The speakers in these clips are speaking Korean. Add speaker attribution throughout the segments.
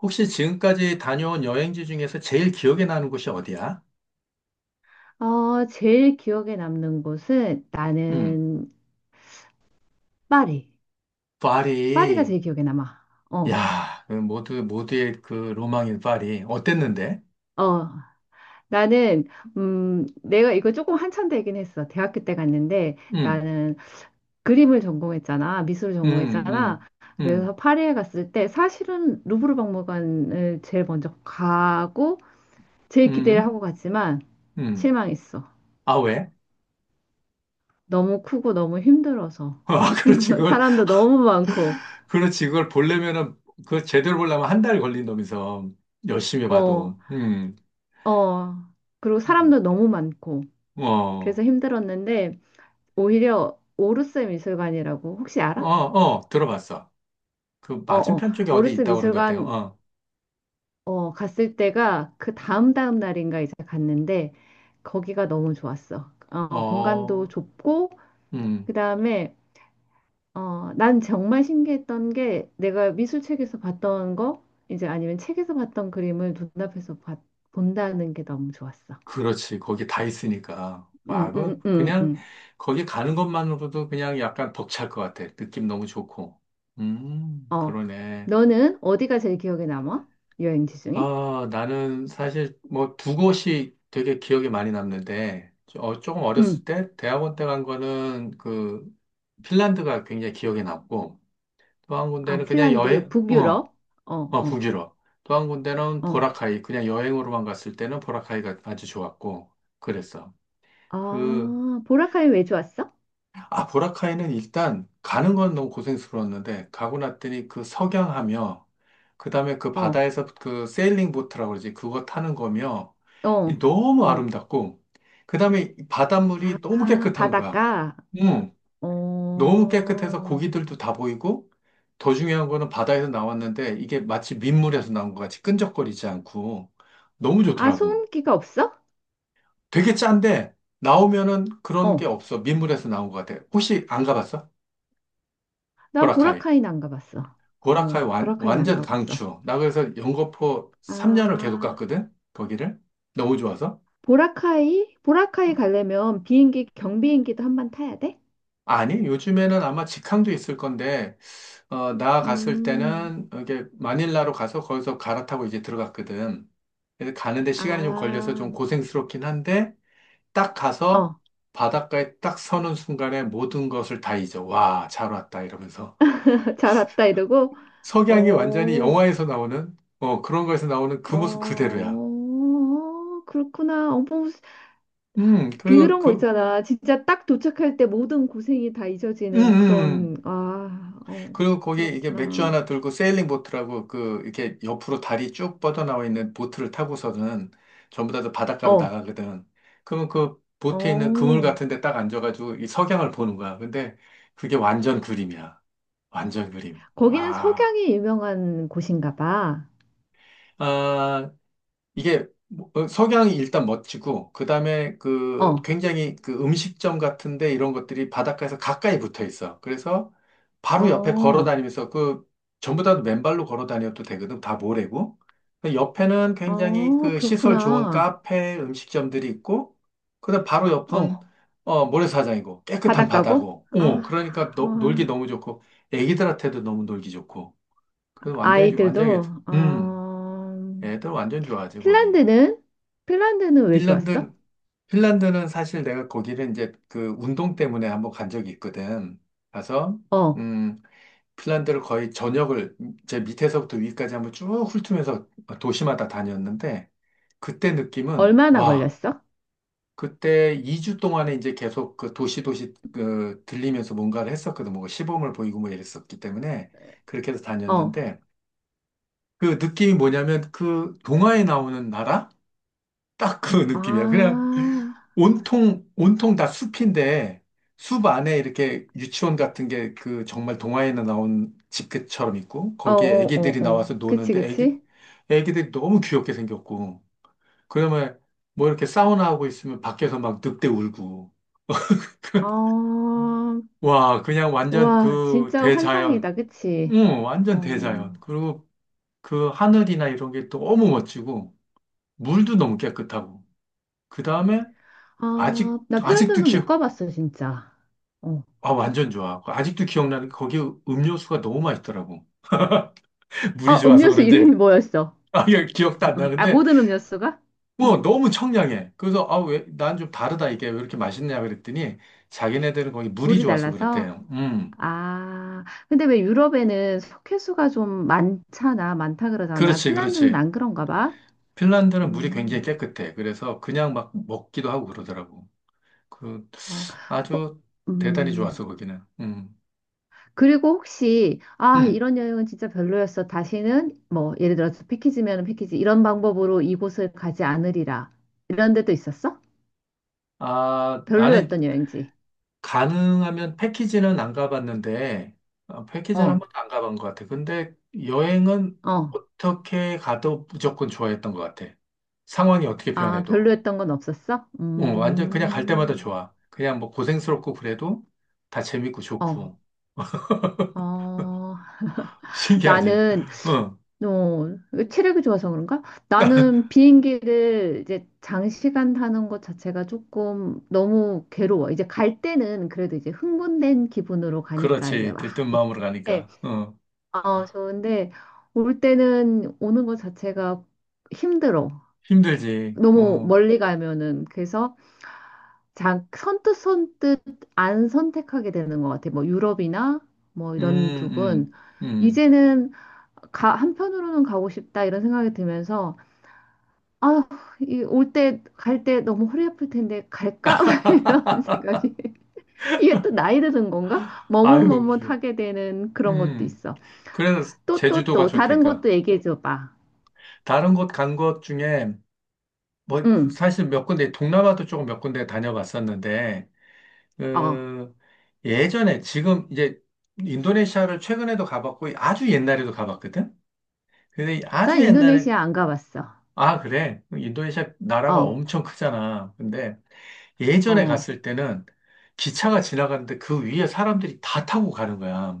Speaker 1: 혹시 지금까지 다녀온 여행지 중에서 제일 기억에 나는 곳이 어디야?
Speaker 2: 어, 제일 기억에 남는 곳은
Speaker 1: 응,
Speaker 2: 나는 파리. 파리가
Speaker 1: 파리.
Speaker 2: 제일 기억에 남아. 어,
Speaker 1: 야, 그 모두의 그 로망인 파리. 어땠는데?
Speaker 2: 어. 나는, 내가 이거 조금 한참 되긴 했어. 대학교 때 갔는데
Speaker 1: 응,
Speaker 2: 나는 그림을 전공했잖아. 미술을
Speaker 1: 응,
Speaker 2: 전공했잖아.
Speaker 1: 응, 응,
Speaker 2: 그래서 파리에 갔을 때 사실은 루브르 박물관을 제일 먼저 가고 제일 기대를
Speaker 1: 응,
Speaker 2: 하고 갔지만
Speaker 1: 응.
Speaker 2: 실망했어.
Speaker 1: 아, 왜?
Speaker 2: 너무 크고 너무 힘들어서.
Speaker 1: 아, 그렇지.
Speaker 2: 사람도 너무 많고,
Speaker 1: 그렇지. 그걸 제대로 보려면 한 달 걸린다면서. 열심히
Speaker 2: 어,
Speaker 1: 봐도. 응,
Speaker 2: 어. 그리고
Speaker 1: 음.
Speaker 2: 사람도 너무 많고. 그래서
Speaker 1: 어,
Speaker 2: 힘들었는데 오히려 오르스 미술관이라고 혹시
Speaker 1: 어,
Speaker 2: 알아?
Speaker 1: 어, 들어봤어. 그
Speaker 2: 어어,
Speaker 1: 맞은편 쪽에 어디
Speaker 2: 오르스
Speaker 1: 있다고 그런 것
Speaker 2: 미술관
Speaker 1: 같아요.
Speaker 2: 어 갔을 때가 그 다음 다음 날인가 이제 갔는데 거기가 너무 좋았어.
Speaker 1: 어,
Speaker 2: 어, 공간도
Speaker 1: 어,
Speaker 2: 좁고
Speaker 1: 음.
Speaker 2: 그다음에 어 난 정말 신기했던 게 내가 미술책에서 봤던 거 이제 아니면 책에서 봤던 그림을 눈앞에서 본다는 게 너무 좋았어.
Speaker 1: 그렇지. 거기 다 있으니까.
Speaker 2: 응
Speaker 1: 와,
Speaker 2: 응 응 응.
Speaker 1: 그냥,
Speaker 2: 응.
Speaker 1: 거기 가는 것만으로도 그냥 약간 벅찰 것 같아. 느낌 너무 좋고.
Speaker 2: 어,
Speaker 1: 그러네.
Speaker 2: 너는 어디가 제일 기억에 남아? 여행지 중에?
Speaker 1: 아, 나는 사실 뭐 두 곳이 되게 기억에 많이 남는데, 어, 조금
Speaker 2: 응.
Speaker 1: 어렸을 때, 대학원 때 간 거는 핀란드가 굉장히 기억에 남고, 또 한
Speaker 2: 아,
Speaker 1: 군데는 그냥
Speaker 2: 핀란드,
Speaker 1: 여행,
Speaker 2: 북유럽. 어,
Speaker 1: 어,
Speaker 2: 어,
Speaker 1: 북유럽. 또 한 군데는
Speaker 2: 어.
Speaker 1: 보라카이, 그냥 여행으로만 갔을 때는 보라카이가 아주 좋았고, 그랬어. 그,
Speaker 2: 아, 보라카이 왜 좋았어?
Speaker 1: 보라카이는 일단 가는 건 너무 고생스러웠는데 가고 났더니 그 석양하며 그다음에 그
Speaker 2: 어,
Speaker 1: 바다에서 그 세일링 보트라고 그러지 그거 타는 거며 이
Speaker 2: 어,
Speaker 1: 너무
Speaker 2: 어.
Speaker 1: 아름답고 그다음에 이 바닷물이 너무
Speaker 2: 아,
Speaker 1: 깨끗한 거야.
Speaker 2: 바닷가. 아,
Speaker 1: 응, 너무 깨끗해서
Speaker 2: 어.
Speaker 1: 고기들도 다 보이고 더 중요한 거는 바다에서 나왔는데 이게 마치 민물에서 나온 것 같이 끈적거리지 않고 너무
Speaker 2: 아,
Speaker 1: 좋더라고.
Speaker 2: 소음기가 없어?
Speaker 1: 되게 짠데 나오면은 그런 게
Speaker 2: 어.
Speaker 1: 없어. 민물에서 나온 것 같아. 혹시 안 가봤어?
Speaker 2: 난
Speaker 1: 보라카이.
Speaker 2: 보라카이는 안 가봤어. 어,
Speaker 1: 고라카이 완,
Speaker 2: 보라카이는 안
Speaker 1: 완전
Speaker 2: 가봤어.
Speaker 1: 강추. 나 그래서 영거포 3년을 계속
Speaker 2: 아,
Speaker 1: 갔거든? 거기를. 너무 좋아서.
Speaker 2: 보라카이? 보라카이
Speaker 1: 어.
Speaker 2: 가려면 비행기, 경비행기도 한번 타야 돼?
Speaker 1: 아니, 요즘에는 아마 직항도 있을 건데, 나 갔을
Speaker 2: 음,
Speaker 1: 때는 이게 마닐라로 가서 거기서 갈아타고 이제 들어갔거든. 그래서 가는데 시간이 좀 걸려서
Speaker 2: 아,
Speaker 1: 좀 고생스럽긴 한데, 딱 가서
Speaker 2: 어.
Speaker 1: 바닷가에 딱 서는 순간에 모든 것을 다 잊어. 와, 잘 왔다. 이러면서.
Speaker 2: 잘 왔다 이러고.
Speaker 1: 석양이 완전히
Speaker 2: 어.
Speaker 1: 영화에서 나오는, 그런 거에서 나오는 그 모습 그대로야.
Speaker 2: 어, 그렇구나. 어, 뭐,
Speaker 1: 그리고
Speaker 2: 그런 거 있잖아. 진짜 딱 도착할 때 모든 고생이 다
Speaker 1: 음,
Speaker 2: 잊어지는
Speaker 1: 음.
Speaker 2: 그런, 아, 어,
Speaker 1: 그리고 거기 이게 맥주
Speaker 2: 그렇구나.
Speaker 1: 하나 들고 세일링 보트라고 그 이렇게 옆으로 다리 쭉 뻗어나와 있는 보트를 타고서는 전부 다들 바닷가로
Speaker 2: 어,
Speaker 1: 나가거든. 그러면 그 보트에 있는 그물
Speaker 2: 어.
Speaker 1: 같은 데 딱 앉아가지고 이 석양을 보는 거야. 근데 그게 완전 그림이야. 완전 그림.
Speaker 2: 거기는
Speaker 1: 와.
Speaker 2: 석양이 유명한 곳인가 봐.
Speaker 1: 아, 이게 뭐, 석양이 일단 멋지고 그다음에 그
Speaker 2: 어,
Speaker 1: 굉장히 그 음식점 같은데 이런 것들이 바닷가에서 가까이 붙어 있어. 그래서 바로 옆에 걸어
Speaker 2: 어,
Speaker 1: 다니면서 그 전부 다 맨발로 걸어 다녀도 되거든. 다 모래고. 근데 옆에는 굉장히
Speaker 2: 어,
Speaker 1: 그 시설 좋은
Speaker 2: 그렇구나.
Speaker 1: 카페, 음식점들이 있고 그다음 바로 옆은
Speaker 2: 어,
Speaker 1: 모래사장이고 깨끗한
Speaker 2: 바닷가고?
Speaker 1: 바다고.
Speaker 2: 아,
Speaker 1: 그러니까 놀기
Speaker 2: 아,
Speaker 1: 너무 좋고 애기들한테도 너무 놀기 좋고. 그래서 완전히 완전히
Speaker 2: 아이들도,
Speaker 1: 음
Speaker 2: 어,
Speaker 1: 애들 완전 좋아하지 거기.
Speaker 2: 핀란드는? 핀란드는 왜 좋았어?
Speaker 1: 핀란드, 핀란드는 사실 내가 거기를 이제 그 운동 때문에 한번 간 적이 있거든. 가서,
Speaker 2: 어,
Speaker 1: 음, 핀란드를 거의 전역을 제 밑에서부터 위까지 한번 쭉 훑으면서 도시마다 다녔는데, 그때 느낌은,
Speaker 2: 얼마나
Speaker 1: 와,
Speaker 2: 걸렸어?
Speaker 1: 그때 2주 동안에 이제 계속 그 도시 도시 그 들리면서 뭔가를 했었거든. 뭐 시범을 보이고 뭐 이랬었기 때문에 그렇게 해서
Speaker 2: 어.
Speaker 1: 다녔는데, 그 느낌이 뭐냐면 그 동화에 나오는 나라? 딱 그
Speaker 2: 아,
Speaker 1: 느낌이야. 그냥 온통, 온통 다 숲인데, 숲 안에 이렇게 유치원 같은 게 그 정말 동화에나 나온 집처럼 있고, 거기에 애기들이
Speaker 2: 어어어어.
Speaker 1: 나와서
Speaker 2: 그치,
Speaker 1: 노는데,
Speaker 2: 그치?
Speaker 1: 애기들이 너무 귀엽게 생겼고, 그러면 뭐 이렇게 사우나 하고 있으면 밖에서 막 늑대 울고,
Speaker 2: 아,
Speaker 1: 와, 그냥 완전
Speaker 2: 와,
Speaker 1: 그
Speaker 2: 진짜
Speaker 1: 대자연,
Speaker 2: 환상이다, 그치?
Speaker 1: 응, 완전
Speaker 2: 어,
Speaker 1: 대자연. 그리고 그 하늘이나 이런 게 너무 멋지고, 물도 너무 깨끗하고, 그 다음에
Speaker 2: 아,
Speaker 1: 아직,
Speaker 2: 나
Speaker 1: 아직도
Speaker 2: 핀란드는
Speaker 1: 기
Speaker 2: 못
Speaker 1: 워
Speaker 2: 가봤어, 진짜. 어.
Speaker 1: 아, 완전 좋아. 아직도 기억나는 게 거기 음료수가 너무 맛있더라고. 물이
Speaker 2: 아,
Speaker 1: 좋아서
Speaker 2: 음료수
Speaker 1: 그런지.
Speaker 2: 이름이 뭐였어?
Speaker 1: 아, 이거 기억도 안
Speaker 2: 아,
Speaker 1: 나는데,
Speaker 2: 모든 음료수가?
Speaker 1: 뭐,
Speaker 2: 응,
Speaker 1: 너무 청량해. 그래서, 아, 왜, 난 좀 다르다, 이게. 왜 이렇게 맛있냐, 그랬더니, 자기네들은 거기 물이
Speaker 2: 물이
Speaker 1: 좋아서
Speaker 2: 달라서?
Speaker 1: 그랬대요.
Speaker 2: 아, 근데 왜 유럽에는 석회수가 좀 많잖아, 많다 그러잖아.
Speaker 1: 그렇지,
Speaker 2: 핀란드는
Speaker 1: 그렇지.
Speaker 2: 안 그런가 봐?
Speaker 1: 핀란드는 물이 굉장히
Speaker 2: 음,
Speaker 1: 깨끗해. 그래서 그냥 막 먹기도 하고 그러더라고. 그,
Speaker 2: 어, 허,
Speaker 1: 아주 대단히 좋았어,
Speaker 2: 음.
Speaker 1: 거기는.
Speaker 2: 그리고 혹시, 아,
Speaker 1: 음.
Speaker 2: 이런 여행은 진짜 별로였어. 다시는, 뭐, 예를 들어서 패키지면 패키지, 이런 방법으로 이곳을 가지 않으리라. 이런 데도 있었어?
Speaker 1: 아, 나는
Speaker 2: 별로였던 여행지.
Speaker 1: 가능하면 패키지는 안 가봤는데, 패키지는 한
Speaker 2: 어,
Speaker 1: 번도 안 가본 것 같아. 근데 여행은
Speaker 2: 어.
Speaker 1: 어떻게 가도 무조건 좋아했던 것 같아. 상황이 어떻게
Speaker 2: 아,
Speaker 1: 변해도.
Speaker 2: 별로였던 건 없었어?
Speaker 1: 응, 완전 그냥 갈 때마다 좋아. 그냥 뭐 고생스럽고 그래도 다 재밌고
Speaker 2: 어,
Speaker 1: 좋고.
Speaker 2: 어.
Speaker 1: 신기하지?
Speaker 2: 나는,
Speaker 1: 응,
Speaker 2: 어, 체력이 좋아서 그런가? 나는 비행기를 이제 장시간 타는 것 자체가 조금 너무 괴로워. 이제 갈 때는 그래도 이제 흥분된 기분으로 가니까 이제
Speaker 1: 그렇지.
Speaker 2: 막.
Speaker 1: 들뜬 마음으로 가니까. 어.
Speaker 2: 어, 좋은데 올 때는 오는 것 자체가 힘들어.
Speaker 1: 힘들지.
Speaker 2: 너무 멀리 가면은 그래서 자, 선뜻 선뜻 안 선택하게 되는 것 같아. 뭐 유럽이나 뭐 이런
Speaker 1: 음,
Speaker 2: 쪽은
Speaker 1: 음, 음.
Speaker 2: 이제는 가, 한편으로는 가고 싶다 이런 생각이 들면서 아, 이올 때, 갈 때 너무 허리 아플 텐데 갈까? 이런 생각이. 이게 또 나이 드는 건가?
Speaker 1: 아유, 그래.
Speaker 2: 머뭇머뭇하게 되는 그런 것도
Speaker 1: 음.
Speaker 2: 있어.
Speaker 1: 그래서
Speaker 2: 또 또
Speaker 1: 제주도가
Speaker 2: 또 다른
Speaker 1: 좋다니까.
Speaker 2: 것도 얘기해 줘 봐.
Speaker 1: 다른 곳 간 것 중에 뭐 사실 몇 군데 동남아도 조금 몇 군데 다녀봤었는데
Speaker 2: 어,
Speaker 1: 그 예전에 지금 이제 인도네시아를 최근에도 가봤고 아주 옛날에도 가봤거든. 근데 이 아주
Speaker 2: 난
Speaker 1: 옛날에.
Speaker 2: 인도네시아 안 가봤어.
Speaker 1: 아, 그래, 인도네시아 나라가
Speaker 2: 어,
Speaker 1: 엄청 크잖아. 근데 예전에
Speaker 2: 어.
Speaker 1: 갔을 때는 기차가 지나가는데 그 위에 사람들이 다 타고 가는 거야.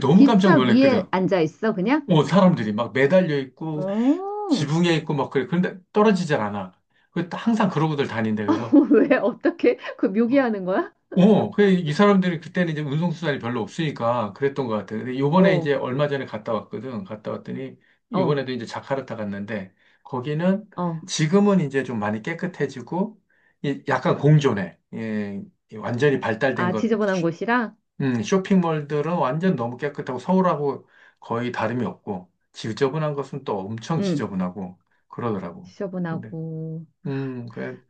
Speaker 1: 너무 깜짝
Speaker 2: 기차
Speaker 1: 놀랐거든.
Speaker 2: 위에 앉아 있어, 그냥?
Speaker 1: 오, 사람들이 막 매달려 있고
Speaker 2: 어,
Speaker 1: 지붕에 있고 막 그래. 그런데 떨어지질 않아. 그 항상 그러고들 다닌대. 그래서
Speaker 2: 왜, 어떻게, 그 묘기하는 거야?
Speaker 1: 이 사람들이 그때는 이제 운송수단이 별로 없으니까 그랬던 것 같아요. 근데 요번에 이제
Speaker 2: 어,
Speaker 1: 얼마 전에 갔다 왔거든. 갔다 왔더니,
Speaker 2: 어,
Speaker 1: 요번에도 이제 자카르타 갔는데, 거기는
Speaker 2: 어.
Speaker 1: 지금은 이제 좀 많이 깨끗해지고, 약간 공존해. 예, 이 완전히 발달된
Speaker 2: 아,
Speaker 1: 것.
Speaker 2: 지저분한 곳이랑?
Speaker 1: 쇼핑몰들은 완전 너무 깨끗하고 서울하고 거의 다름이 없고, 지저분한 것은 또 엄청
Speaker 2: 응,
Speaker 1: 지저분하고 그러더라고. 근데,
Speaker 2: 지저분하고.
Speaker 1: 음, 그,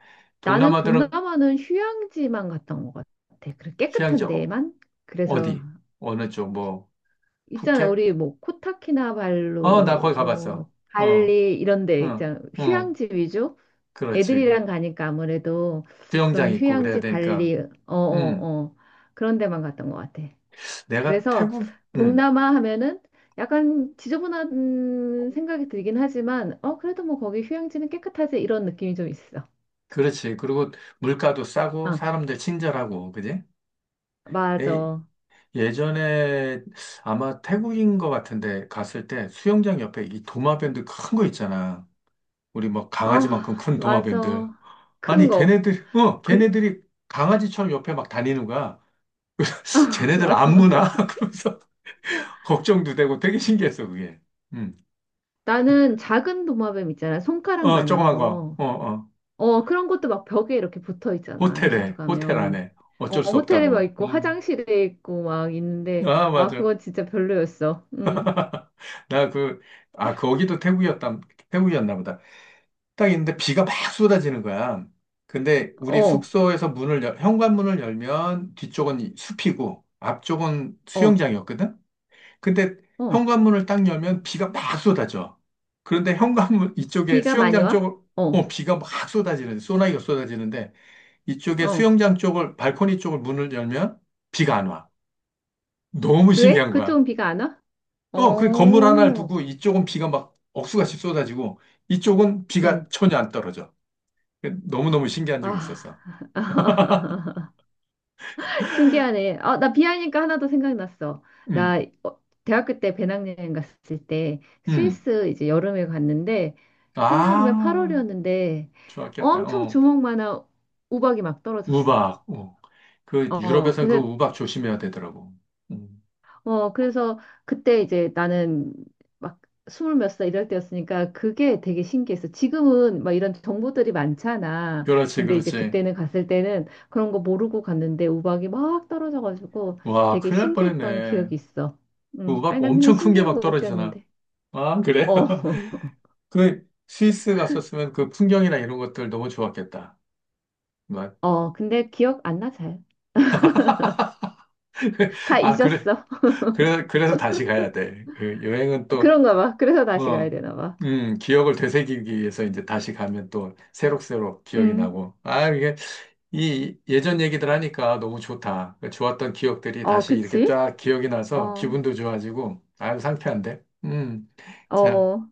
Speaker 2: 나는
Speaker 1: 동남아들은
Speaker 2: 동남아는 휴양지만 갔던 것 같아. 그래,
Speaker 1: 휴양지
Speaker 2: 깨끗한 데만? 그래서,
Speaker 1: 어디? 어느 쪽, 뭐,
Speaker 2: 있잖아,
Speaker 1: 푸켓?
Speaker 2: 우리 뭐,
Speaker 1: 어, 나 거기
Speaker 2: 코타키나발루,
Speaker 1: 가봤어.
Speaker 2: 뭐,
Speaker 1: 어, 어,
Speaker 2: 발리, 이런 데, 있잖아.
Speaker 1: 어,
Speaker 2: 휴양지 위주?
Speaker 1: 그렇지. 그
Speaker 2: 애들이랑 가니까 아무래도
Speaker 1: 수영장
Speaker 2: 그런
Speaker 1: 있고 그래야
Speaker 2: 휴양지
Speaker 1: 되니까.
Speaker 2: 발리, 어,
Speaker 1: 음,
Speaker 2: 어, 어, 그런 데만 갔던 것 같아.
Speaker 1: 내가
Speaker 2: 그래서
Speaker 1: 태국. 음,
Speaker 2: 동남아 하면은 약간 지저분한 생각이 들긴 하지만, 어, 그래도 뭐 거기 휴양지는 깨끗하지 이런 느낌이 좀 있어.
Speaker 1: 그렇지. 그리고 물가도 싸고
Speaker 2: 아,
Speaker 1: 사람들 친절하고, 그지? 예.
Speaker 2: 맞아.
Speaker 1: 예전에 아마 태국인 것 같은데 갔을 때 수영장 옆에 이 도마뱀들 큰 거 있잖아. 우리 뭐
Speaker 2: 아,
Speaker 1: 강아지만큼 큰
Speaker 2: 맞아.
Speaker 1: 도마뱀들.
Speaker 2: 큰
Speaker 1: 아니,
Speaker 2: 거. 그,
Speaker 1: 걔네들이 강아지처럼 옆에 막 다니는 거야.
Speaker 2: 아,
Speaker 1: 쟤네들
Speaker 2: 맞아,
Speaker 1: 안 무나?
Speaker 2: 맞아.
Speaker 1: 그러면서. 걱정도 되고 되게 신기했어, 그게. 음.
Speaker 2: 나는 작은 도마뱀 있잖아.
Speaker 1: 어,
Speaker 2: 손가락만한
Speaker 1: 조그만 거.
Speaker 2: 거.
Speaker 1: 어, 어.
Speaker 2: 어, 그런 것도 막 벽에 이렇게 붙어 있잖아. 리조트
Speaker 1: 호텔
Speaker 2: 가면.
Speaker 1: 안에.
Speaker 2: 어,
Speaker 1: 어쩔 수
Speaker 2: 호텔에 막
Speaker 1: 없다고.
Speaker 2: 있고
Speaker 1: 음.
Speaker 2: 화장실에 있고 막 있는데
Speaker 1: 아,
Speaker 2: 아,
Speaker 1: 맞아.
Speaker 2: 그건 진짜 별로였어. 음.
Speaker 1: 나 거기도 태국이었나 보다. 딱 있는데 비가 막 쏟아지는 거야. 근데 우리
Speaker 2: 어.
Speaker 1: 숙소에서 현관문을 열면 뒤쪽은 이 숲이고 앞쪽은
Speaker 2: 어.
Speaker 1: 수영장이었거든? 근데
Speaker 2: 어.
Speaker 1: 현관문을 딱 열면 비가 막 쏟아져. 그런데 현관문 이쪽에
Speaker 2: 비가 많이
Speaker 1: 수영장
Speaker 2: 와?
Speaker 1: 쪽,
Speaker 2: 어.
Speaker 1: 소나기가 쏟아지는데 이쪽에
Speaker 2: 어.
Speaker 1: 발코니 쪽을 문을 열면 비가 안 와. 너무
Speaker 2: 왜?
Speaker 1: 신기한 거야.
Speaker 2: 그쪽은 비가 안 와?
Speaker 1: 그 건물 하나를
Speaker 2: 어.
Speaker 1: 두고 이쪽은 비가 막 억수같이 쏟아지고 이쪽은 비가
Speaker 2: 음.
Speaker 1: 전혀 안 떨어져. 그 너무너무 신기한
Speaker 2: 아.
Speaker 1: 적이 있었어.
Speaker 2: 신기하네. 아, 나 비하니까 하나 더 생각났어.
Speaker 1: 음,
Speaker 2: 나 어, 대학교 때 배낭여행 갔을 때
Speaker 1: 음.
Speaker 2: 스위스 이제 여름에 갔는데
Speaker 1: 아,
Speaker 2: 한여름에 8월이었는데
Speaker 1: 좋았겠다.
Speaker 2: 엄청
Speaker 1: 어,
Speaker 2: 주먹만한 우박이 막 떨어졌어.
Speaker 1: 우박. 어. 그
Speaker 2: 어,
Speaker 1: 유럽에선 그
Speaker 2: 그래서
Speaker 1: 우박 조심해야 되더라고. 음.
Speaker 2: 어, 그래서 그때 이제 나는 막 스물 몇살 이럴 때였으니까 그게 되게 신기했어. 지금은 막 이런 정보들이 많잖아.
Speaker 1: 그렇지,
Speaker 2: 근데 이제
Speaker 1: 그렇지.
Speaker 2: 그때는 갔을 때는 그런 거 모르고 갔는데 우박이 막 떨어져가지고
Speaker 1: 와,
Speaker 2: 되게
Speaker 1: 큰일 날
Speaker 2: 신기했던
Speaker 1: 뻔했네.
Speaker 2: 기억이 있어.
Speaker 1: 그
Speaker 2: 아니,
Speaker 1: 우박
Speaker 2: 난 그냥
Speaker 1: 엄청 큰 게 막
Speaker 2: 신기하고
Speaker 1: 떨어지잖아.
Speaker 2: 웃겼는데.
Speaker 1: 아, 그래?
Speaker 2: 어,
Speaker 1: 그 스위스 갔었으면 그 풍경이나 이런 것들 너무 좋았겠다. 막.
Speaker 2: 어, 근데 기억 안 나, 잘. 다
Speaker 1: 아, 그래,
Speaker 2: 잊었어.
Speaker 1: 그래. 그래서 다시 가야 돼. 그 여행은 또,
Speaker 2: 그런가 봐. 그래서 다시 가야
Speaker 1: 어,
Speaker 2: 되나 봐.
Speaker 1: 기억을 되새기기 위해서 이제 다시 가면 또 새록새록 기억이
Speaker 2: 음,
Speaker 1: 나고. 아, 이 예전 얘기들 하니까 너무 좋다. 그 좋았던 기억들이
Speaker 2: 어,
Speaker 1: 다시 이렇게
Speaker 2: 그치?
Speaker 1: 쫙 기억이 나서
Speaker 2: 어,
Speaker 1: 기분도 좋아지고, 아유, 상쾌한데? 자.
Speaker 2: 어.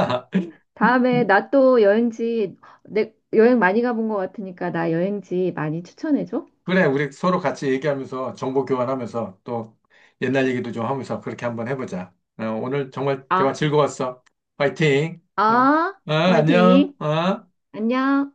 Speaker 2: 다 다음에 나 또 여행지, 내, 여행 많이 가본 것 같으니까 나 여행지 많이 추천해줘.
Speaker 1: 그래, 우리 서로 같이 얘기하면서 정보 교환하면서 또 옛날 얘기도 좀 하면서 그렇게 한번 해보자. 오늘 정말 대화
Speaker 2: 아,
Speaker 1: 즐거웠어. 파이팅! 어,
Speaker 2: 아,
Speaker 1: 어, 안녕!
Speaker 2: 화이팅.
Speaker 1: 어?
Speaker 2: 안녕.